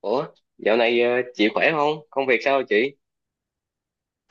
Ủa, dạo này chị khỏe không? Công việc sao chị?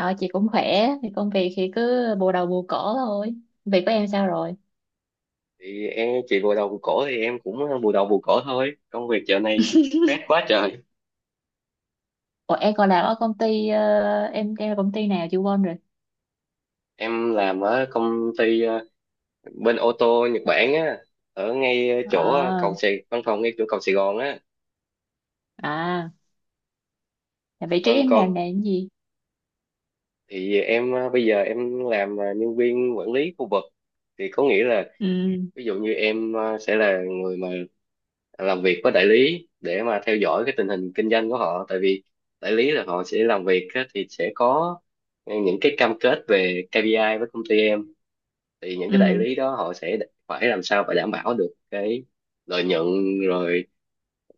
Ờ, chị cũng khỏe, thì công việc thì cứ bù đầu bù cổ thôi. Việc của em sao rồi? Thì em chị bù đầu bù cổ thì em cũng bù đầu bù cổ thôi. Công việc dạo này stress quá trời. Ủa, em còn làm ở công ty, em là công ty nào chị quên rồi. Em làm ở công ty bên ô tô Nhật Bản á, ở ngay chỗ cầu ờ Sài văn phòng ngay chỗ cầu Sài Gòn á. à, là vị trí Vâng em con, làm là cái gì? thì em bây giờ em làm nhân viên quản lý khu vực. Thì có nghĩa là Ừ. ví dụ như em sẽ là người mà làm việc với đại lý để mà theo dõi cái tình hình kinh doanh của họ, tại vì đại lý là họ sẽ làm việc á, thì sẽ có những cái cam kết về KPI với công ty em, thì những cái đại Ừ. lý đó họ sẽ phải làm sao phải đảm bảo được cái lợi nhuận, rồi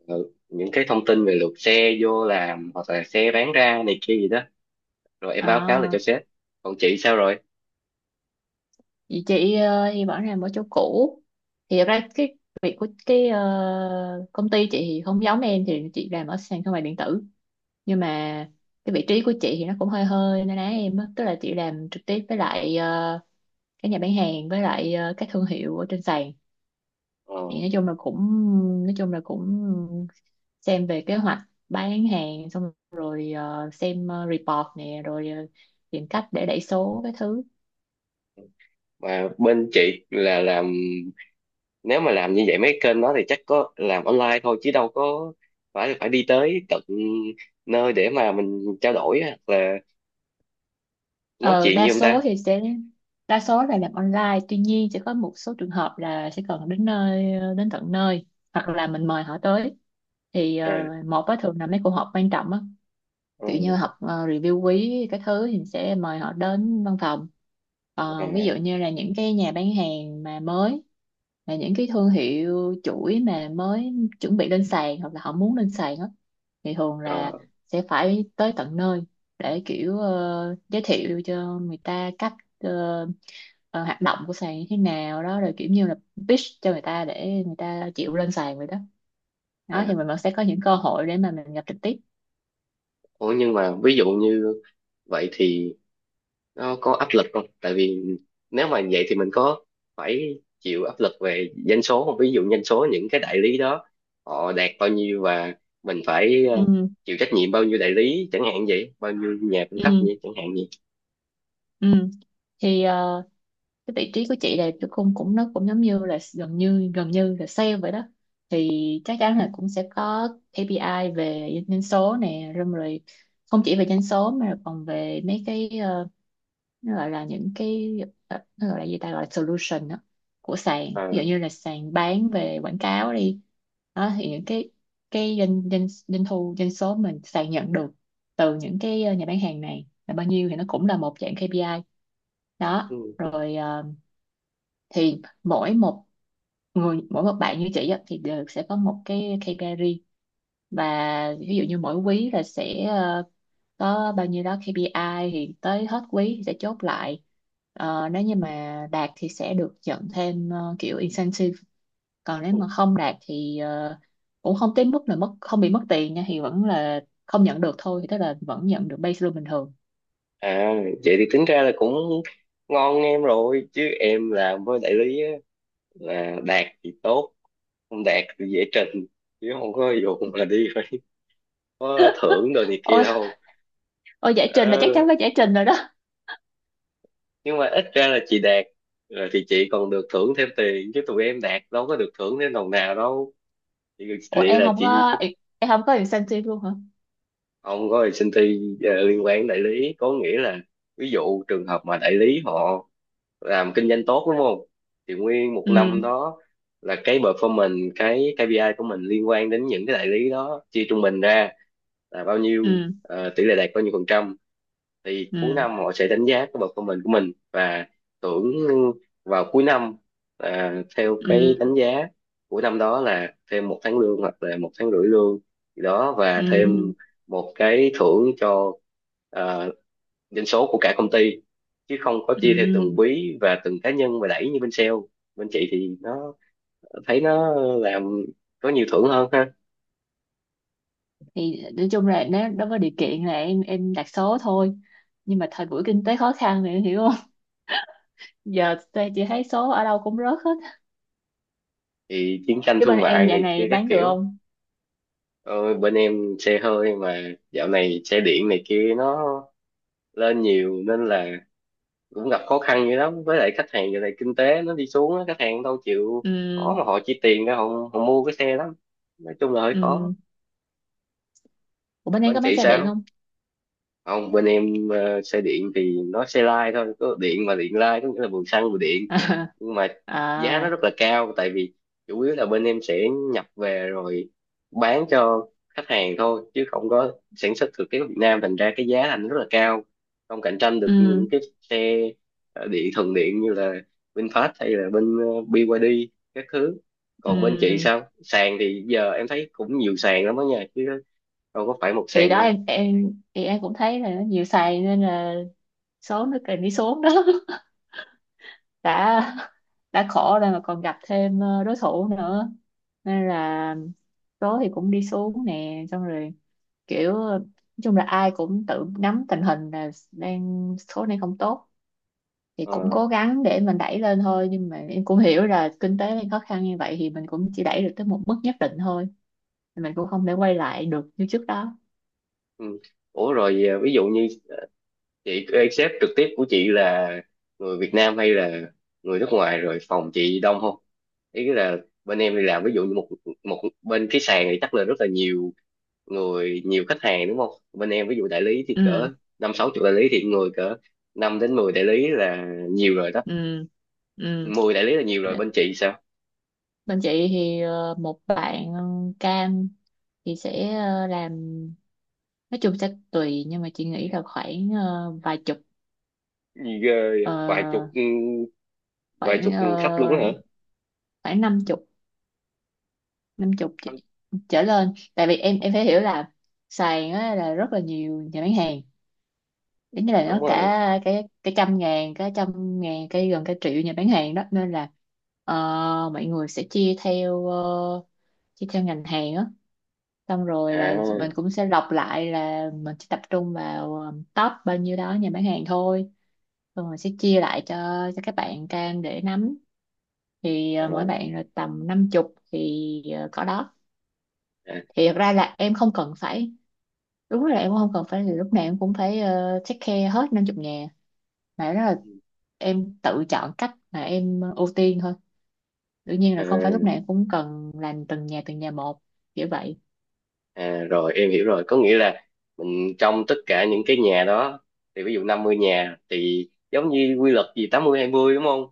những cái thông tin về lượt xe vô làm hoặc là xe bán ra này kia gì đó, rồi em báo cáo lại À. cho sếp. Còn chị sao rồi, Vậy chị thì vẫn làm ở chỗ cũ. Thì thật ra cái việc của cái công ty chị thì không giống em, thì chị làm ở sàn thương mại điện tử. Nhưng mà cái vị trí của chị thì nó cũng hơi hơi na ná em á. Tức là chị làm trực tiếp với lại các nhà bán hàng với lại các thương hiệu ở trên sàn, ờ, thì nói chung là cũng xem về kế hoạch bán hàng, xong rồi xem report nè, rồi tìm cách để đẩy số cái thứ. mà bên chị là làm, nếu mà làm như vậy mấy kênh đó thì chắc có làm online thôi chứ đâu có phải phải đi tới tận nơi để mà mình trao đổi hoặc là nói ờ, chuyện đa như ông số ta. thì sẽ Đa số là làm online, tuy nhiên sẽ có một số trường hợp là sẽ cần đến nơi, đến tận nơi, hoặc là mình mời họ tới thì À, một á thường là mấy cuộc họp quan trọng á. Kiểu như ừ, học review quý cái thứ thì mình sẽ mời họ đến văn phòng. Còn ví à, dụ như là những cái nhà bán hàng mà mới, là những cái thương hiệu chuỗi mà mới chuẩn bị lên sàn hoặc là họ muốn lên sàn á thì thường là ờ, sẽ phải tới tận nơi, để kiểu giới thiệu cho người ta cách ờ, ờ, hoạt động của sàn như thế nào đó, rồi kiểu như là pitch cho người ta để người ta chịu lên sàn vậy đó. Đó à. thì mình vẫn sẽ có những cơ hội để mà mình gặp trực tiếp. Ủa nhưng mà ví dụ như vậy thì nó có áp lực không, tại vì nếu mà vậy thì mình có phải chịu áp lực về doanh số không, ví dụ doanh số những cái đại lý đó họ đạt bao nhiêu và mình phải Ừ. chịu trách nhiệm bao nhiêu đại lý chẳng hạn vậy, bao nhiêu nhà cung cấp Ừ. vậy chẳng hạn vậy. Ừ. Thì cái vị trí của chị là cái cũng cũng nó cũng giống như là gần như là sale vậy đó, thì chắc chắn là cũng sẽ có KPI về doanh số nè, rồi rồi. Không chỉ về doanh số mà còn về mấy cái, nó gọi là những cái, nó gọi là gì ta, gọi là solution đó, của sàn, ví dụ À, như là sàn bán về quảng cáo đi. Đó thì những cái doanh doanh doanh thu doanh số mình sàn nhận được từ những cái nhà bán hàng này là bao nhiêu thì nó cũng là một dạng KPI đó ừ. rồi, thì mỗi một bạn như chị á, thì đều sẽ có một cái KPI riêng, và ví dụ như mỗi quý là sẽ có bao nhiêu đó KPI, thì tới hết quý thì sẽ chốt lại. Nếu như mà đạt thì sẽ được nhận thêm kiểu incentive, còn nếu mà không đạt thì cũng không tới mức là mất, không bị mất tiền nha, thì vẫn là không nhận được thôi, thì tức là vẫn nhận được base lương bình thường. À, vậy thì tính ra là cũng ngon em rồi, chứ em làm với đại lý á, là đạt thì tốt, không đạt thì dễ trình, chứ không có vụ mà đi phải có thưởng đồ này kia Ôi, đâu. ôi, giải trình là chắc Ờ, chắn phải giải trình rồi đó. nhưng mà ít ra là chị đạt rồi thì chị còn được thưởng thêm tiền, chứ tụi em đạt đâu có được thưởng thêm đồng nào đâu chị. Ủa, Vậy em là không chị có em không có incentive luôn hả? không có ty liên quan đến đại lý, có nghĩa là ví dụ trường hợp mà đại lý họ làm kinh doanh tốt đúng không, thì nguyên một năm Ừ. đó là cái performance, cái KPI của mình liên quan đến những cái đại lý đó chia trung bình ra là bao nhiêu, Ừ. Tỷ lệ đạt bao nhiêu phần trăm, thì cuối Ừ. năm họ sẽ đánh giá cái performance của mình và thưởng vào cuối năm, à, theo cái Ừ. đánh giá của năm đó là thêm một tháng lương hoặc là một tháng rưỡi lương gì đó, và thêm Ừ. một cái thưởng cho, à, doanh số của cả công ty, chứ không có chia theo từng Ừ. quý và từng cá nhân mà đẩy như bên sale. Bên chị thì nó, thấy nó làm có nhiều thưởng hơn ha, Thì nói chung là nó có điều kiện là em đặt số thôi, nhưng mà thời buổi kinh tế khó khăn thì em hiểu không? Giờ tôi chỉ thấy số ở đâu cũng rớt hết. thì chiến tranh Chứ bên thương em mại dạo này kia này các bán được kiểu. không? Ôi, bên em xe hơi mà, dạo này xe điện này kia nó lên nhiều nên là cũng gặp khó khăn dữ lắm, với lại khách hàng giờ này kinh tế nó đi xuống á, khách hàng đâu chịu Ừ. khó mà họ chi tiền ra họ mua cái xe lắm, nói chung là hơi khó. Ừ. Ủa, bên em Bên có bán chị xe điện sao? không? Không, bên em xe điện thì nó xe lai thôi có điện, mà điện lai có nghĩa là vừa xăng vừa điện, nhưng mà giá À. nó À. rất là cao tại vì chủ yếu là bên em sẽ nhập về rồi bán cho khách hàng thôi chứ không có sản xuất thực tế ở Việt Nam, thành ra cái giá thành rất là cao, không cạnh tranh được những Ừ. cái xe điện, thuần điện như là VinFast hay là bên BYD các thứ. Còn bên chị Ừ. sao, sàn thì giờ em thấy cũng nhiều sàn lắm đó nha chứ đâu có phải một Thì sàn đó, đâu. em thì em cũng thấy là nó nhiều xài nên là số nó cần đi xuống đó. Đã đã khổ rồi mà còn gặp thêm đối thủ nữa, nên là số thì cũng đi xuống nè, xong rồi kiểu nói chung là ai cũng tự nắm tình hình là đang số này không tốt, thì cũng Ờ. cố gắng để mình đẩy lên thôi, nhưng mà em cũng hiểu là kinh tế đang khó khăn như vậy thì mình cũng chỉ đẩy được tới một mức nhất định thôi, mình cũng không thể quay lại được như trước đó. Ừ. Ủa rồi à, ví dụ như à, chị cái sếp trực tiếp của chị là người Việt Nam hay là người nước ngoài, rồi phòng chị đông không? Ý là bên em đi làm ví dụ như một một bên cái sàn thì chắc là rất là nhiều người, nhiều khách hàng đúng không? Bên em ví dụ đại lý thì Ừ. cỡ năm sáu chục đại lý, thì người cỡ 5 đến 10 đại lý là nhiều rồi đó. Ừ. Ừ. Mười đại lý là nhiều rồi, bên chị sao? Bên chị thì một bạn cam thì sẽ làm, nói chung sẽ tùy, nhưng mà chị nghĩ là khoảng vài chục, Ghê, ờ, vậy. Vài chục, vài khoảng chục khách luôn ờ, đó hả? khoảng năm chục, năm chục chị- Đúng trở lên, tại vì em phải hiểu là sàn á, là rất là nhiều nhà bán hàng, giống như là đúng nó cả rồi. cái trăm ngàn, cái trăm ngàn, cái gần cả triệu nhà bán hàng đó nên là ờ, mọi người sẽ chia theo ngành hàng á, xong rồi là mình À, cũng sẽ lọc lại là mình chỉ tập trung vào top bao nhiêu đó nhà bán hàng thôi. Xong rồi sẽ chia lại cho các bạn cam để nắm, thì mỗi à, bạn là tầm năm chục thì cỏ đó. à. Thì thật ra là em không cần phải đúng là em cũng không cần phải là lúc nào em cũng phải take care hết năm chục nhà, mà đó là em tự chọn cách mà em ưu tiên thôi. Đương nhiên là không phải lúc À. nào em cũng cần làm từng nhà một, kiểu vậy. À, rồi em hiểu rồi, có nghĩa là mình trong tất cả những cái nhà đó, thì ví dụ 50 nhà thì giống như quy luật gì 80/20 đúng không,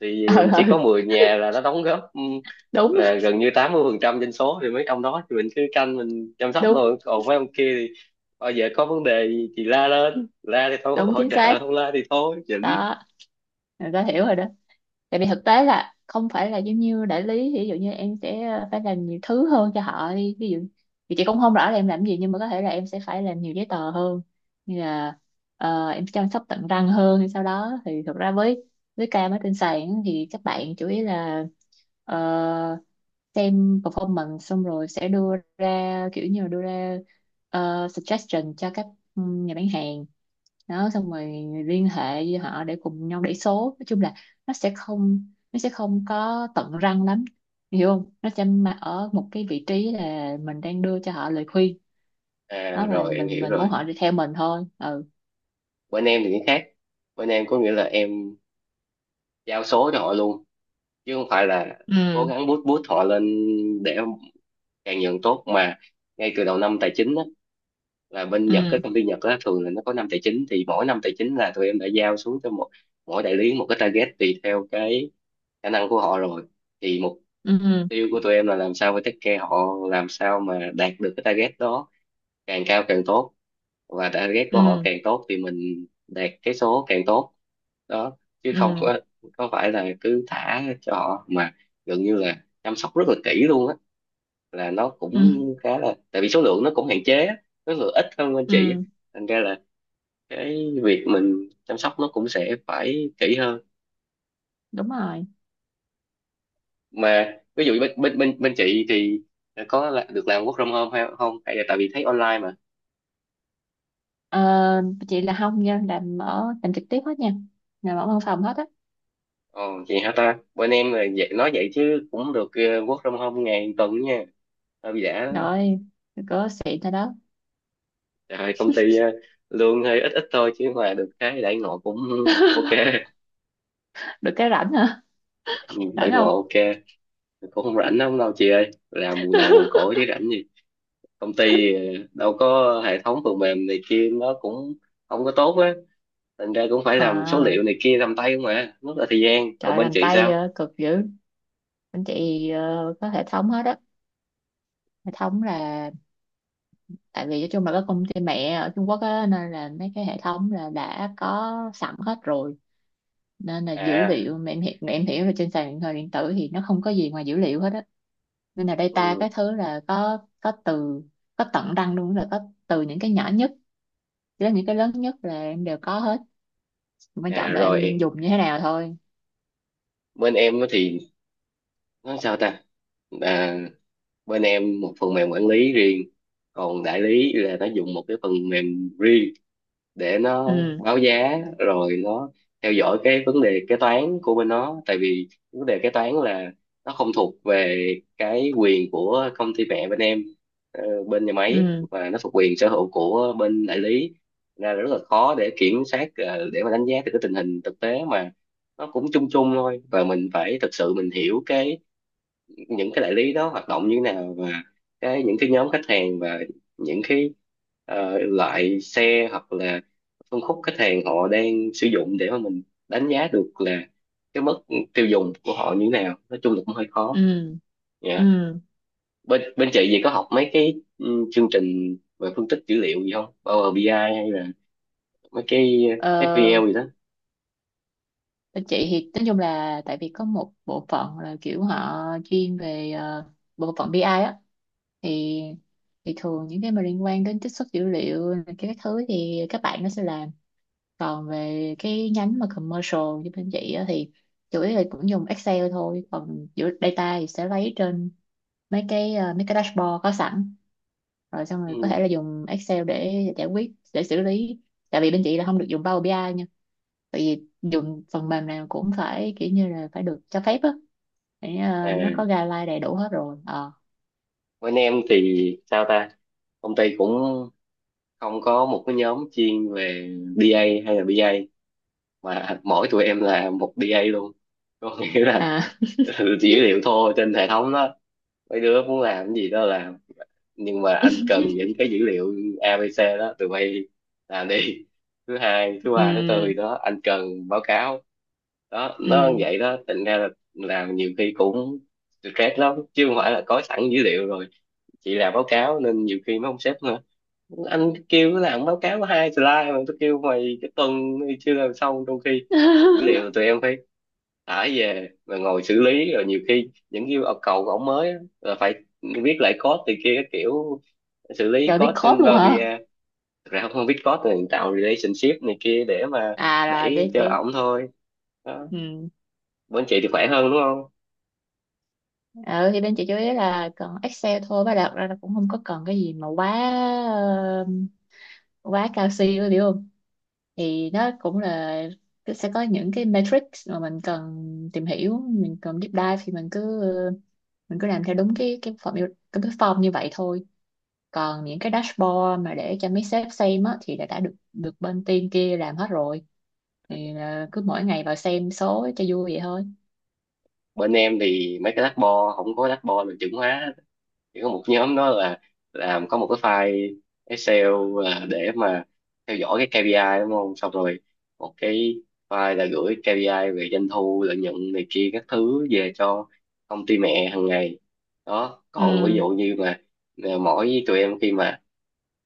thì ờ chỉ ừ, có 10 nhà là nó đóng góp, đúng là gần như 80% dân số, thì mấy ông đó thì mình cứ canh mình chăm sóc đúng thôi, còn mấy ông kia thì bao giờ có vấn đề gì thì la lên, la thì thôi đúng, hỗ chính trợ, xác không la thì thôi chỉnh. đó, người ta hiểu rồi đó. Tại vì thực tế là không phải là giống như đại lý, ví dụ như em sẽ phải làm nhiều thứ hơn cho họ đi. Ví dụ thì chị cũng không rõ là em làm gì nhưng mà có thể là em sẽ phải làm nhiều giấy tờ hơn, như là em chăm sóc tận răng hơn hay sau đó, thì thực ra với ca mới trên sàn thì các bạn chủ yếu là ờ, xem performance, xong rồi sẽ đưa ra kiểu như là đưa ra suggestion cho các nhà bán hàng đó, xong rồi liên hệ với họ để cùng nhau đẩy số. Nói chung là nó sẽ không nó sẽ không có tận răng lắm, hiểu không, nó sẽ mà ở một cái vị trí là mình đang đưa cho họ lời khuyên À đó, mà rồi em mình hiểu mình muốn rồi, họ đi theo mình thôi. Ừ. bên em thì cái khác, bên em có nghĩa là em giao số cho họ luôn chứ không phải là cố Ừ. gắng boost boost họ lên để càng nhận tốt mà, ngay từ đầu năm tài chính á, là bên Nhật, cái Ừ. công ty Nhật á, thường là nó có năm tài chính, thì mỗi năm tài chính là tụi em đã giao xuống cho mỗi đại lý một cái target tùy theo cái khả năng của họ rồi, thì mục Ừ. tiêu của tụi em là làm sao, với take care họ làm sao mà đạt được cái target đó càng cao càng tốt, và target của họ Ừ. càng tốt thì mình đạt cái số càng tốt đó, chứ không Ừ. có phải là cứ thả cho họ, mà gần như là chăm sóc rất là kỹ luôn á, là nó cũng Ừ. khá là, tại vì số lượng nó cũng hạn chế á, số lượng ít hơn bên chị á, Ừ. thành ra là cái việc mình chăm sóc nó cũng sẽ phải kỹ hơn. Đúng rồi. Mà ví dụ bên chị thì được làm work from home hay không, hay là tại vì thấy online mà. ờ, chị là không nha, làm trực tiếp hết nha, làm ở văn phòng hết á. Ồ, vậy hả ta? Bên em là vậy, nói vậy chứ cũng được work from home ngày tuần nha. Hôm giả Rồi có xịn thôi đó. trời ơi, công ty lương hơi ít ít thôi chứ mà được cái đãi ngộ cũng ok. Được cái rảnh hả? Ừ, Rảnh đãi ngộ không? ok, cũng không rảnh lắm đâu chị ơi, làm mùi đầu mùi cổ chứ rảnh gì. Công ty đâu có hệ thống phần mềm này kia nó cũng không có tốt á, thành ra cũng phải làm số À, liệu này kia làm tay không mà rất là thời gian, còn trời, bên làm chị tay sao? Cực dữ. Anh chị có hệ thống hết á. Hệ thống là tại vì nói chung là cái công ty mẹ ở Trung Quốc á nên là mấy cái hệ thống là đã có sẵn hết rồi, nên là dữ À, liệu, mà em hiểu là trên sàn điện thoại điện tử thì nó không có gì ngoài dữ liệu hết á, nên là data cái ừ, thứ là có từ, có tận răng luôn, là có từ những cái nhỏ nhất đến những cái lớn nhất là em đều có hết, quan à trọng là em rồi, dùng như thế nào thôi. bên em á thì nó sao ta, à, bên em một phần mềm quản lý riêng, còn đại lý là nó dùng một cái phần mềm riêng để nó Ừ. báo giá rồi nó theo dõi cái vấn đề kế toán của bên nó, tại vì vấn đề kế toán là nó không thuộc về cái quyền của công ty mẹ bên em, bên nhà máy, Ừ. và nó thuộc quyền sở hữu của bên đại lý. Thành ra là rất là khó để kiểm soát, để mà đánh giá được cái tình hình thực tế mà nó cũng chung chung thôi, và mình phải thực sự mình hiểu cái những cái đại lý đó hoạt động như thế nào, và cái những cái nhóm khách hàng và những cái loại xe hoặc là phân khúc khách hàng họ đang sử dụng để mà mình đánh giá được là cái mức tiêu dùng của họ như thế nào, nói chung là cũng hơi khó. Ừ. Ừ. Dạ. Bên bên chị gì có học mấy cái chương trình về phân tích dữ liệu gì không, Power BI ai hay là mấy cái ờ SQL gì đó? Bên chị thì nói chung là tại vì có một bộ phận là kiểu họ chuyên về bộ phận BI á. Thì thì thường những cái mà liên quan đến trích xuất dữ liệu này, cái thứ thì các bạn nó sẽ làm. Còn về cái nhánh mà commercial như bên chị á thì chủ yếu là cũng dùng Excel thôi, còn giữa data thì sẽ lấy trên mấy cái dashboard có sẵn, rồi xong rồi có Ừ. thể là dùng Excel để giải quyết, để xử lý. Tại vì bên chị là không được dùng Power BI ai, tại vì dùng phần mềm nào cũng phải kiểu như là phải được cho phép á, để nó có À guideline đầy đủ hết rồi. Ờ bên em thì sao ta, công ty cũng không có một cái nhóm chuyên về DA hay là BI ai, mà mỗi tụi em là một DA luôn, có nghĩa là À. dữ liệu thô trên hệ thống đó, mấy đứa muốn làm cái gì đó làm, nhưng mà anh cần những cái dữ liệu ABC đó tụi bay làm đi, thứ hai thứ ba thứ tư Ừ. gì đó anh cần báo cáo. Đó, nó như Ừ. vậy đó, thành ra là làm nhiều khi cũng stress lắm chứ không phải là có sẵn dữ liệu rồi chị làm báo cáo, nên nhiều khi mấy ông sếp nữa, anh kêu cứ làm báo cáo có 2 slide mà tôi kêu mày cái tuần này chưa làm xong, trong khi dữ liệu tụi em phải thả về rồi ngồi xử lý, rồi nhiều khi những yêu cầu của ổng mới á, là phải viết lại code từ kia các kiểu, xử lý Trời, biết code code trên luôn Power hả? BI ai. Thật ra không biết code thì tạo relationship này kia để mà À, là đẩy biết cho biết. ổng thôi. Đó, Ừ. bên chị thì khỏe hơn đúng không? ờ thì bên chị chú ý là cần Excel thôi, và đặt ra là cũng không có cần cái gì mà quá quá cao siêu rồi, hiểu không. Thì nó cũng là sẽ có những cái matrix mà mình cần tìm hiểu, mình cần deep dive thì mình cứ làm theo đúng cái form như vậy thôi. Còn những cái dashboard mà để cho mấy sếp xem á, thì đã được được bên team kia làm hết rồi, thì là cứ mỗi ngày vào xem số cho vui vậy thôi. Bên em thì mấy cái lát bo, không có lát bo là chuẩn hóa hết, chỉ có một nhóm đó là làm có một cái file Excel là để mà theo dõi cái KPI đúng không, xong rồi một cái file là gửi KPI về doanh thu lợi nhuận này kia các thứ về cho công ty mẹ hàng ngày. Đó, còn ví Ừ. dụ như mà mỗi tụi em khi mà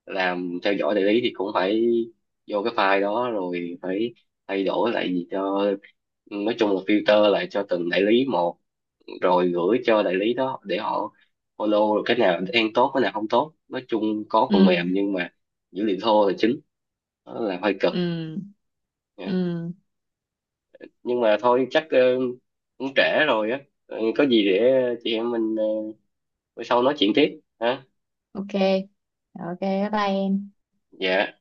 làm theo dõi đại lý thì cũng phải vô cái file đó rồi phải thay đổi lại gì cho, nói chung là filter lại cho từng đại lý một rồi gửi cho đại lý đó để họ Olo cái nào đang tốt cái nào không tốt, nói chung có phần mềm Ừ. nhưng mà dữ liệu thô là chính, đó là hơi cực Ừ. nha. Ừ. Nhưng mà thôi chắc cũng trễ rồi á. Ờ, có gì để chị em mình bữa sau nói chuyện tiếp ha. Ok, ok. Bye bye em. Dạ.